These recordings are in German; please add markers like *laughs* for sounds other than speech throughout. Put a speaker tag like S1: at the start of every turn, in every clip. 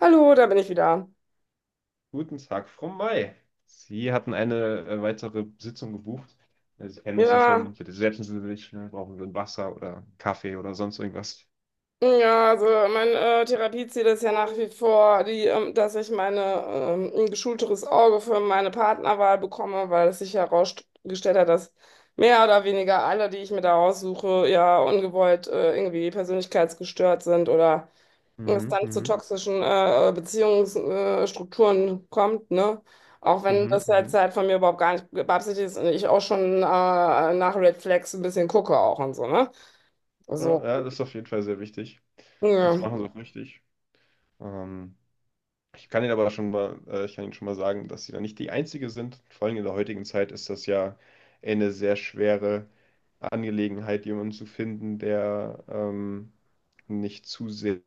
S1: Hallo, da bin ich wieder.
S2: Guten Tag, Frau May. Sie hatten eine weitere Sitzung gebucht. Sie kennen es ja
S1: Ja,
S2: schon. Bitte setzen Sie sich. Ne? Brauchen Sie ein Wasser oder Kaffee oder sonst irgendwas?
S1: ja, also mein Therapieziel ist ja nach wie vor, ein geschulteres Auge für meine Partnerwahl bekomme, weil es sich herausgestellt hat, dass mehr oder weniger alle, die ich mir da aussuche, ja ungewollt irgendwie persönlichkeitsgestört sind oder es
S2: Mhm,
S1: dann zu
S2: mhm,
S1: toxischen Beziehungsstrukturen Strukturen kommt, ne? Auch wenn
S2: mhm,
S1: das jetzt
S2: mhm.
S1: halt von mir überhaupt gar nicht beabsichtigt ist und ich auch schon nach Red Flags ein bisschen gucke auch und so, ne?
S2: Ja,
S1: So,
S2: ja, das ist auf jeden Fall sehr wichtig. Und das
S1: ja,
S2: machen Sie auch richtig. Ähm, Ich kann Ihnen aber schon mal, ich kann Ihnen schon mal sagen, dass Sie da nicht die Einzige sind. Vor allem in der heutigen Zeit ist das ja eine sehr schwere Angelegenheit, jemanden zu finden, der nicht zu sehr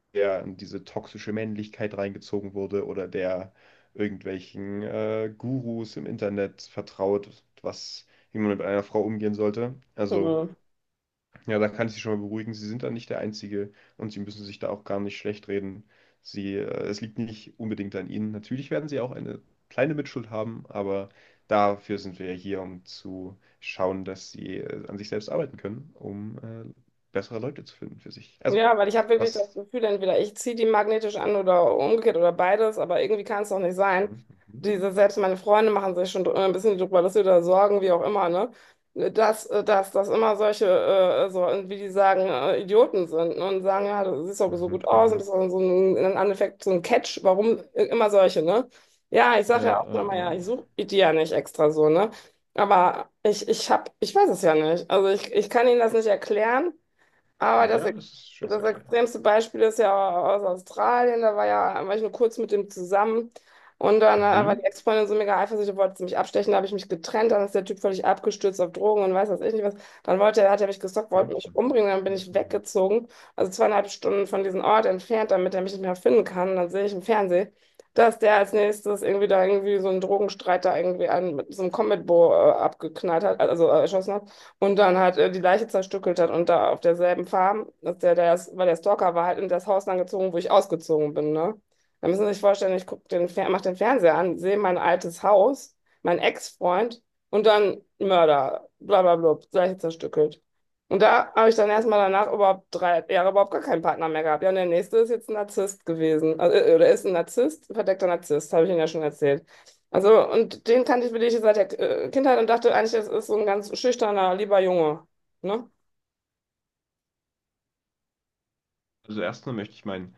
S2: in diese toxische Männlichkeit reingezogen wurde oder der irgendwelchen Gurus im Internet vertraut, was, wie man mit einer Frau umgehen sollte. Also
S1: ja.
S2: ja, da kann ich Sie schon mal beruhigen. Sie sind da nicht der Einzige und Sie müssen sich da auch gar nicht schlecht reden. Sie, es liegt nicht unbedingt an Ihnen. Natürlich werden Sie auch eine kleine Mitschuld haben, aber dafür sind wir ja hier, um zu schauen, dass Sie an sich selbst arbeiten können, um bessere Leute zu finden für sich. Also,
S1: Ja, weil ich habe wirklich das
S2: was?
S1: Gefühl, entweder ich ziehe die magnetisch an oder umgekehrt oder beides, aber irgendwie kann es doch nicht sein.
S2: Mhm, mhm,
S1: Selbst meine Freunde machen sich schon ein bisschen drüber lustig oder Sorgen, wie auch immer, ne? Dass immer solche, so, wie die sagen, Idioten sind, ne? Und sagen, ja, du siehst doch so
S2: mhm,
S1: gut aus und bist
S2: mhm.
S1: doch so ein, im Endeffekt so ein Catch, warum immer solche, ne? Ja, ich sage
S2: Ja,
S1: ja auch nochmal, ja, ich suche die ja nicht extra so, ne? Aber ich weiß es ja nicht. Also ich kann ihnen das nicht erklären. Aber
S2: ja, das ist schwer zu
S1: das
S2: erklären.
S1: extremste Beispiel ist ja aus Australien. Da war ja, war ich nur kurz mit dem zusammen. Und dann war
S2: Mhm.
S1: die Ex-Freundin so mega eifersüchtig, wollte sie mich abstechen. Da habe ich mich getrennt. Dann ist der Typ völlig abgestürzt auf Drogen und weiß was ich nicht was. Dann wollte er, hat er mich gestalkt, wollte mich umbringen. Dann bin ich
S2: Mhm.
S1: weggezogen. Also 2,5 Stunden von diesem Ort entfernt, damit er mich nicht mehr finden kann. Und dann sehe ich im Fernsehen, dass der als nächstes irgendwie da irgendwie so einen Drogenstreit da irgendwie einen mit so einem Combat Bow abgeknallt hat, also erschossen hat und dann halt die Leiche zerstückelt hat und da auf derselben Farm, dass der, ist, weil der Stalker war halt in das Haus dann gezogen, wo ich ausgezogen bin, ne? Da müssen Sie sich vorstellen, ich mach den Fernseher an, sehe mein altes Haus, mein Ex-Freund und dann Mörder, bla bla bla, Leiche zerstückelt. Und da habe ich dann erstmal danach überhaupt 3 Jahre überhaupt gar keinen Partner mehr gehabt. Ja, und der nächste ist jetzt ein Narzisst gewesen. Also, oder ist ein Narzisst, verdeckter Narzisst, habe ich Ihnen ja schon erzählt. Also, und den kannte ich wirklich seit der Kindheit und dachte eigentlich, das ist so ein ganz schüchterner, lieber Junge. Ne?
S2: Also erstmal möchte ich mein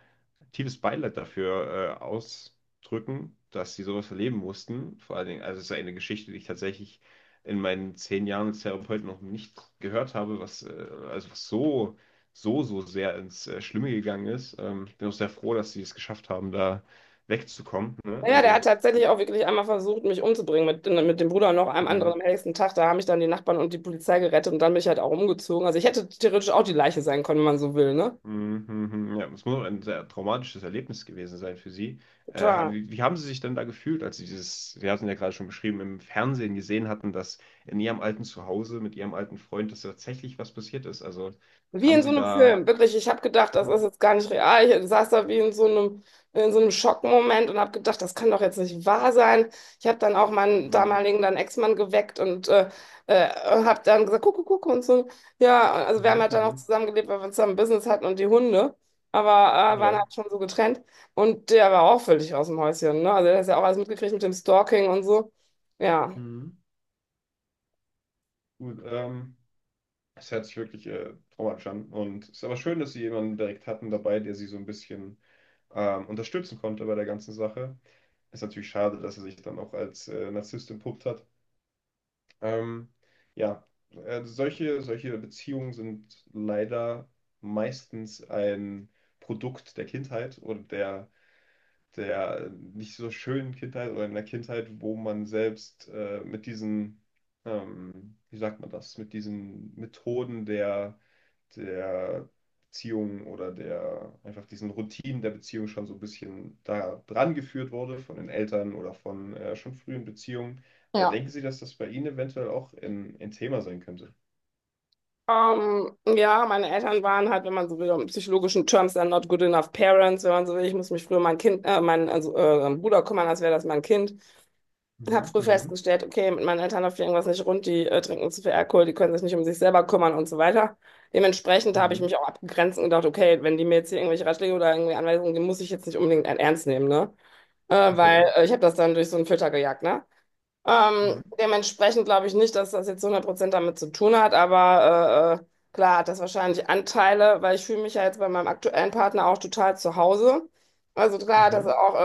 S2: tiefes Beileid dafür ausdrücken, dass sie sowas erleben mussten. Vor allen Dingen, also es ist eine Geschichte, die ich tatsächlich in meinen 10 Jahren als Therapeut noch nicht gehört habe, was also was so, so sehr ins Schlimme gegangen ist. Ich bin auch sehr froh, dass sie es geschafft haben, da wegzukommen. Ne?
S1: Naja, der hat
S2: Also,
S1: tatsächlich auch wirklich einmal versucht, mich umzubringen mit, ne, mit dem Bruder und noch einem
S2: mh.
S1: anderen am nächsten Tag. Da haben mich dann die Nachbarn und die Polizei gerettet und dann bin ich halt auch umgezogen. Also ich hätte theoretisch auch die Leiche sein können, wenn man so will, ne?
S2: Mhm, mhm. Ja, es muss auch ein sehr traumatisches Erlebnis gewesen sein für Sie.
S1: Total.
S2: Wie, haben Sie sich denn da gefühlt, als Sie dieses, Sie hatten ja gerade schon beschrieben, im Fernsehen gesehen hatten, dass in Ihrem alten Zuhause mit Ihrem alten Freund, dass tatsächlich was passiert ist? Also
S1: Wie in
S2: haben
S1: so
S2: Sie
S1: einem
S2: da.
S1: Film, wirklich. Ich habe gedacht, das ist
S2: Hm.
S1: jetzt gar nicht real. Ich saß da wie in so einem Schockmoment und habe gedacht, das kann doch jetzt nicht wahr sein. Ich habe dann auch meinen
S2: Mhm.
S1: damaligen dann Ex-Mann geweckt und äh, habe dann gesagt, guck, guck, guck und so. Ja, also wir haben
S2: Mhm.
S1: halt dann auch
S2: Mhm.
S1: zusammengelebt, weil wir zusammen Business hatten und die Hunde, aber waren
S2: Ja.
S1: halt schon so getrennt. Und der war auch völlig aus dem Häuschen, ne? Also der hat ja auch alles mitgekriegt mit dem Stalking und so. Ja.
S2: Mhm. Gut. Das hört sich wirklich traumatisch an. Und es ist aber schön, dass sie jemanden direkt hatten dabei, der sie so ein bisschen unterstützen konnte bei der ganzen Sache. Ist natürlich schade, dass er sich dann auch als Narzisst entpuppt hat. Ähm, ja, solche, solche Beziehungen sind leider meistens ein Produkt der Kindheit oder der, der nicht so schönen Kindheit oder einer Kindheit, wo man selbst mit diesen, wie sagt man das, mit diesen Methoden der der Beziehung oder der einfach diesen Routinen der Beziehung schon so ein bisschen da dran geführt wurde von den Eltern oder von schon frühen Beziehungen.
S1: Ja.
S2: Denken Sie, dass das bei Ihnen eventuell auch ein Thema sein könnte?
S1: Ja, meine Eltern waren halt, wenn man so will, in psychologischen Terms, dann not good enough parents, wenn man so will. Ich muss mich früher um mein Bruder kümmern, als wäre das mein Kind. Ich habe
S2: Mhm,
S1: früh
S2: mhm,
S1: festgestellt, okay, mit meinen Eltern läuft irgendwas nicht rund, die trinken zu viel Alkohol, die können sich nicht um sich selber kümmern und so weiter. Dementsprechend habe ich
S2: mhm,
S1: mich auch abgegrenzt und gedacht, okay, wenn die mir jetzt hier irgendwelche Ratschläge oder irgendwie Anweisungen geben, muss ich jetzt nicht unbedingt ernst nehmen, ne? Äh, weil
S2: okay.
S1: äh, ich habe das dann durch so einen Filter gejagt, ne? Ähm,
S2: Mhm,
S1: dementsprechend glaube ich nicht, dass das jetzt 100% damit zu tun hat, aber klar hat das wahrscheinlich Anteile, weil ich fühle mich ja jetzt bei meinem aktuellen Partner auch total zu Hause. Also klar hat das
S2: mhm,
S1: auch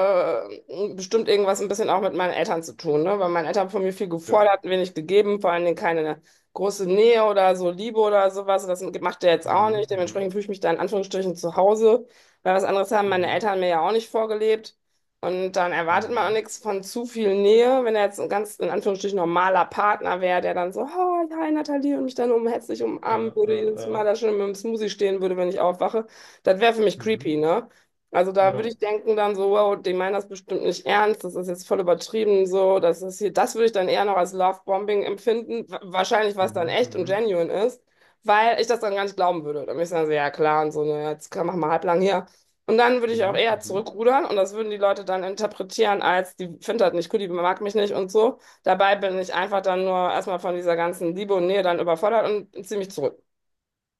S1: bestimmt irgendwas ein bisschen auch mit meinen Eltern zu tun, ne? Weil meine Eltern von mir viel
S2: ja.
S1: gefordert, wenig gegeben, vor allen Dingen keine große Nähe oder so Liebe oder sowas. Das macht der jetzt auch
S2: Mhm,
S1: nicht. Dementsprechend
S2: mhm,
S1: fühle ich mich da in Anführungsstrichen zu Hause, weil was anderes haben meine
S2: mhm,
S1: Eltern mir ja auch nicht vorgelebt. Und dann erwartet man auch
S2: mhm.
S1: nichts von zu viel Nähe, wenn er jetzt ein ganz, in Anführungsstrichen, normaler Partner wäre, der dann so, hi hi Nathalie, und mich dann um herzlich umarmen
S2: Ja,
S1: würde,
S2: ja,
S1: jedes Mal
S2: ja.
S1: da schon mit dem Smoothie stehen würde, wenn ich aufwache. Das wäre für mich
S2: Mhm,
S1: creepy, ne? Also da würde
S2: ja.
S1: ich denken dann so, wow, die meinen das bestimmt nicht ernst, das ist jetzt voll übertrieben, so, das ist hier, das würde ich dann eher noch als Lovebombing empfinden, wahrscheinlich was dann
S2: Mhm, mhm,
S1: echt und
S2: mhm,
S1: genuine ist, weil ich das dann gar nicht glauben würde. Dann würde ich sagen, so, ja klar, und so, ne, jetzt mach mal halblang hier. Und dann würde ich auch
S2: mhm,
S1: eher
S2: mhm,
S1: zurückrudern und das würden die Leute dann interpretieren als, die findet das nicht cool, die mag mich nicht und so. Dabei bin ich einfach dann nur erstmal von dieser ganzen Liebe und Nähe dann überfordert und ziehe mich zurück.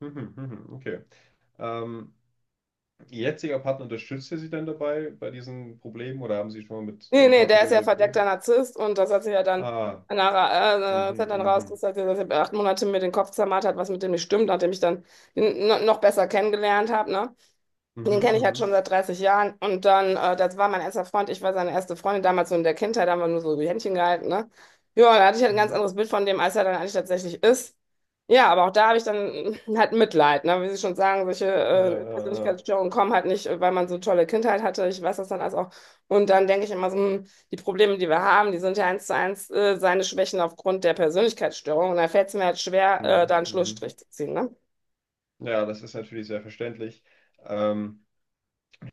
S2: mhm, mhm, okay. Ähm, Ihr jetziger Partner unterstützt ihr sie denn dabei bei diesen Problemen oder haben Sie schon mal mit
S1: Nee,
S2: Ihrem
S1: nee,
S2: Partner
S1: der ist ja
S2: darüber
S1: verdeckter
S2: geredet?
S1: Narzisst und das hat sich ja dann
S2: Ah,
S1: nachher,
S2: mhm,
S1: hat dann
S2: mhm,
S1: rauskristallisiert, dass er 8 Monate mir den Kopf zermartert hat, was mit dem nicht stimmt, nachdem ich dann ihn noch besser kennengelernt habe, ne?
S2: mhm,
S1: Den kenne ich halt schon
S2: mhm,
S1: seit 30 Jahren. Und dann, das war mein erster Freund. Ich war seine erste Freundin damals so in der Kindheit, da haben wir nur so die Händchen gehalten, ne? Ja, da hatte ich halt ein ganz
S2: mhm.
S1: anderes Bild von dem, als er dann eigentlich tatsächlich ist. Ja, aber auch da habe ich dann *laughs* halt Mitleid, ne? Wie Sie schon sagen, solche
S2: Ja, ja, ja.
S1: Persönlichkeitsstörungen kommen halt nicht, weil man so eine tolle Kindheit hatte. Ich weiß das dann alles auch. Und dann denke ich immer so, die Probleme, die wir haben, die sind ja eins zu eins seine Schwächen aufgrund der Persönlichkeitsstörung. Und da fällt es mir halt schwer,
S2: Mhm,
S1: da einen
S2: mhm.
S1: Schlussstrich zu ziehen, ne?
S2: Ja, das ist natürlich sehr verständlich. Ähm,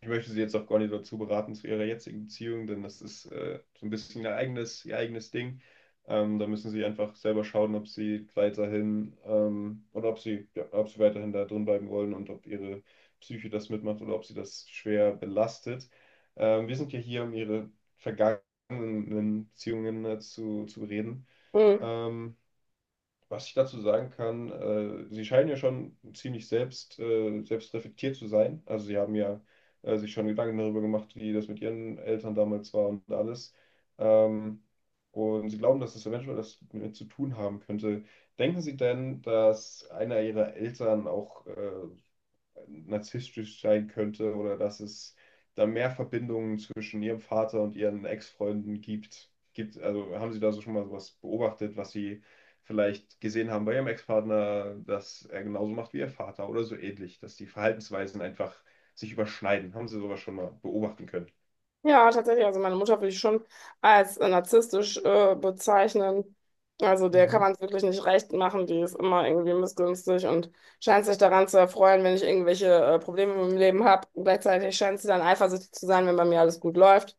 S2: Ich möchte sie jetzt auch gar nicht dazu beraten zu ihrer jetzigen Beziehung, denn das ist so ein bisschen ihr eigenes Ding. Da müssen sie einfach selber schauen, ob sie weiterhin oder ob sie, ja, ob sie weiterhin da drin bleiben wollen und ob ihre Psyche das mitmacht oder ob sie das schwer belastet. Wir sind ja hier, um ihre vergangenen Beziehungen zu reden.
S1: Hm.
S2: Ähm, was ich dazu sagen kann, sie scheinen ja schon ziemlich selbst, selbstreflektiert zu sein. Also sie haben ja sich schon Gedanken darüber gemacht, wie das mit ihren Eltern damals war und alles. Ähm, und sie glauben, dass es eventuell das mit zu tun haben könnte. Denken Sie denn, dass einer Ihrer Eltern auch narzisstisch sein könnte oder dass es da mehr Verbindungen zwischen ihrem Vater und ihren Ex-Freunden gibt. Gibt, also haben Sie da so schon mal sowas beobachtet, was Sie vielleicht gesehen haben bei Ihrem Ex-Partner, dass er genauso macht wie Ihr Vater oder so ähnlich, dass die Verhaltensweisen einfach sich überschneiden? Haben Sie sowas schon mal beobachten können?
S1: Ja, tatsächlich. Also meine Mutter würde ich schon als narzisstisch bezeichnen. Also der kann
S2: Mhm.
S1: man es wirklich nicht recht machen. Die ist immer irgendwie missgünstig und scheint sich daran zu erfreuen, wenn ich irgendwelche Probleme im Leben habe. Gleichzeitig scheint sie dann eifersüchtig zu sein, wenn bei mir alles gut läuft.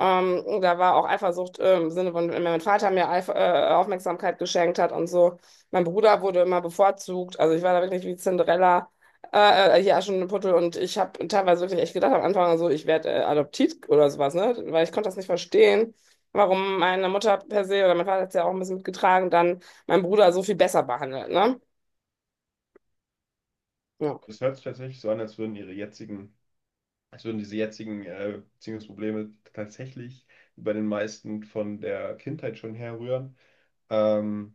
S1: Da war auch Eifersucht im Sinne von, wenn mein Vater mir Eif Aufmerksamkeit geschenkt hat und so. Mein Bruder wurde immer bevorzugt. Also ich war da wirklich wie Cinderella. Ja, schon in Portugal. Und ich habe teilweise wirklich echt gedacht am Anfang, so, ich werde adoptiert oder sowas, ne? Weil ich konnte das nicht verstehen, warum meine Mutter per se oder mein Vater hat es ja auch ein bisschen mitgetragen, dann mein Bruder so viel besser behandelt, ne? Ja.
S2: Das hört sich tatsächlich so an, als würden Ihre jetzigen, als würden diese jetzigen Beziehungsprobleme tatsächlich bei den meisten von der Kindheit schon herrühren. Ähm,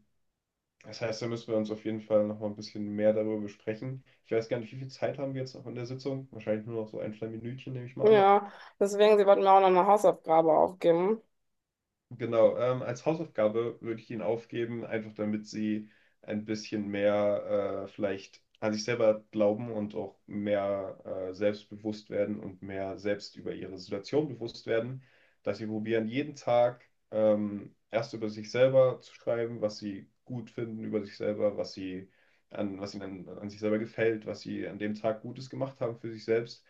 S2: Das heißt, da müssen wir uns auf jeden Fall noch mal ein bisschen mehr darüber besprechen. Ich weiß gar nicht, wie viel Zeit haben wir jetzt noch in der Sitzung? Wahrscheinlich nur noch so ein, zwei Minütchen, nehme ich mal an.
S1: Ja, deswegen, sie wollten mir auch noch eine Hausaufgabe aufgeben.
S2: Genau, als Hausaufgabe würde ich ihn aufgeben, einfach damit sie ein bisschen mehr vielleicht an sich selber glauben und auch mehr selbstbewusst werden und mehr selbst über ihre Situation bewusst werden, dass sie probieren, jeden Tag erst über sich selber zu schreiben, was sie gut finden über sich selber, was sie an, was ihnen an, an sich selber gefällt, was sie an dem Tag Gutes gemacht haben für sich selbst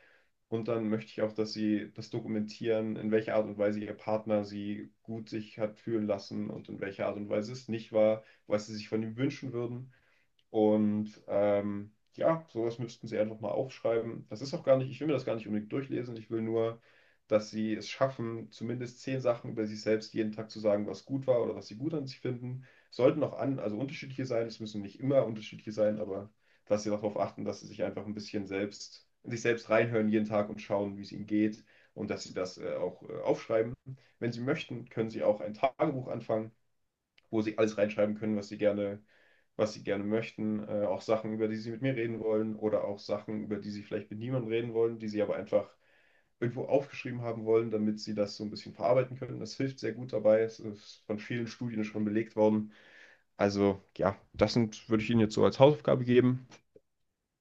S2: und dann möchte ich auch, dass sie das dokumentieren, in welcher Art und Weise ihr Partner sie gut sich hat fühlen lassen und in welcher Art und Weise es nicht war, was sie sich von ihm wünschen würden. Und ja, sowas müssten Sie einfach mal aufschreiben. Das ist auch gar nicht, ich will mir das gar nicht unbedingt durchlesen. Ich will nur, dass Sie es schaffen, zumindest 10 Sachen über sich selbst jeden Tag zu sagen, was gut war oder was Sie gut an sich finden. Sollten auch an, also unterschiedliche sein. Es müssen nicht immer unterschiedliche sein, aber dass Sie darauf achten, dass Sie sich einfach ein bisschen selbst, in sich selbst reinhören jeden Tag und schauen, wie es Ihnen geht und dass Sie das auch aufschreiben. Wenn Sie möchten, können Sie auch ein Tagebuch anfangen, wo Sie alles reinschreiben können, was sie gerne möchten, auch Sachen, über die sie mit mir reden wollen oder auch Sachen, über die sie vielleicht mit niemandem reden wollen, die sie aber einfach irgendwo aufgeschrieben haben wollen, damit sie das so ein bisschen verarbeiten können. Das hilft sehr gut dabei. Es ist von vielen Studien schon belegt worden. Also ja, das sind, würde ich Ihnen jetzt so als Hausaufgabe geben.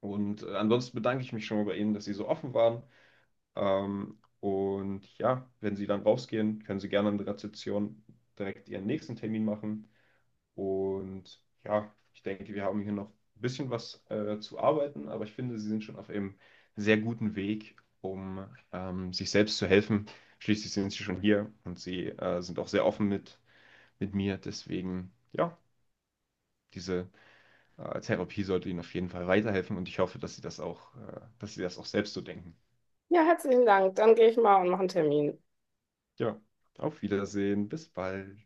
S2: Und ansonsten bedanke ich mich schon mal bei Ihnen, dass Sie so offen waren. Und ja, wenn Sie dann rausgehen, können Sie gerne an der Rezeption direkt Ihren nächsten Termin machen. Und ja, ich denke, wir haben hier noch ein bisschen was zu arbeiten, aber ich finde, sie sind schon auf einem sehr guten Weg, um sich selbst zu helfen. Schließlich sind sie schon hier und sie sind auch sehr offen mit mir. Deswegen, ja, diese Therapie sollte ihnen auf jeden Fall weiterhelfen und ich hoffe, dass sie das auch, dass sie das auch selbst so denken.
S1: Ja, herzlichen Dank. Dann gehe ich mal und mache einen Termin.
S2: Ja, auf Wiedersehen, bis bald.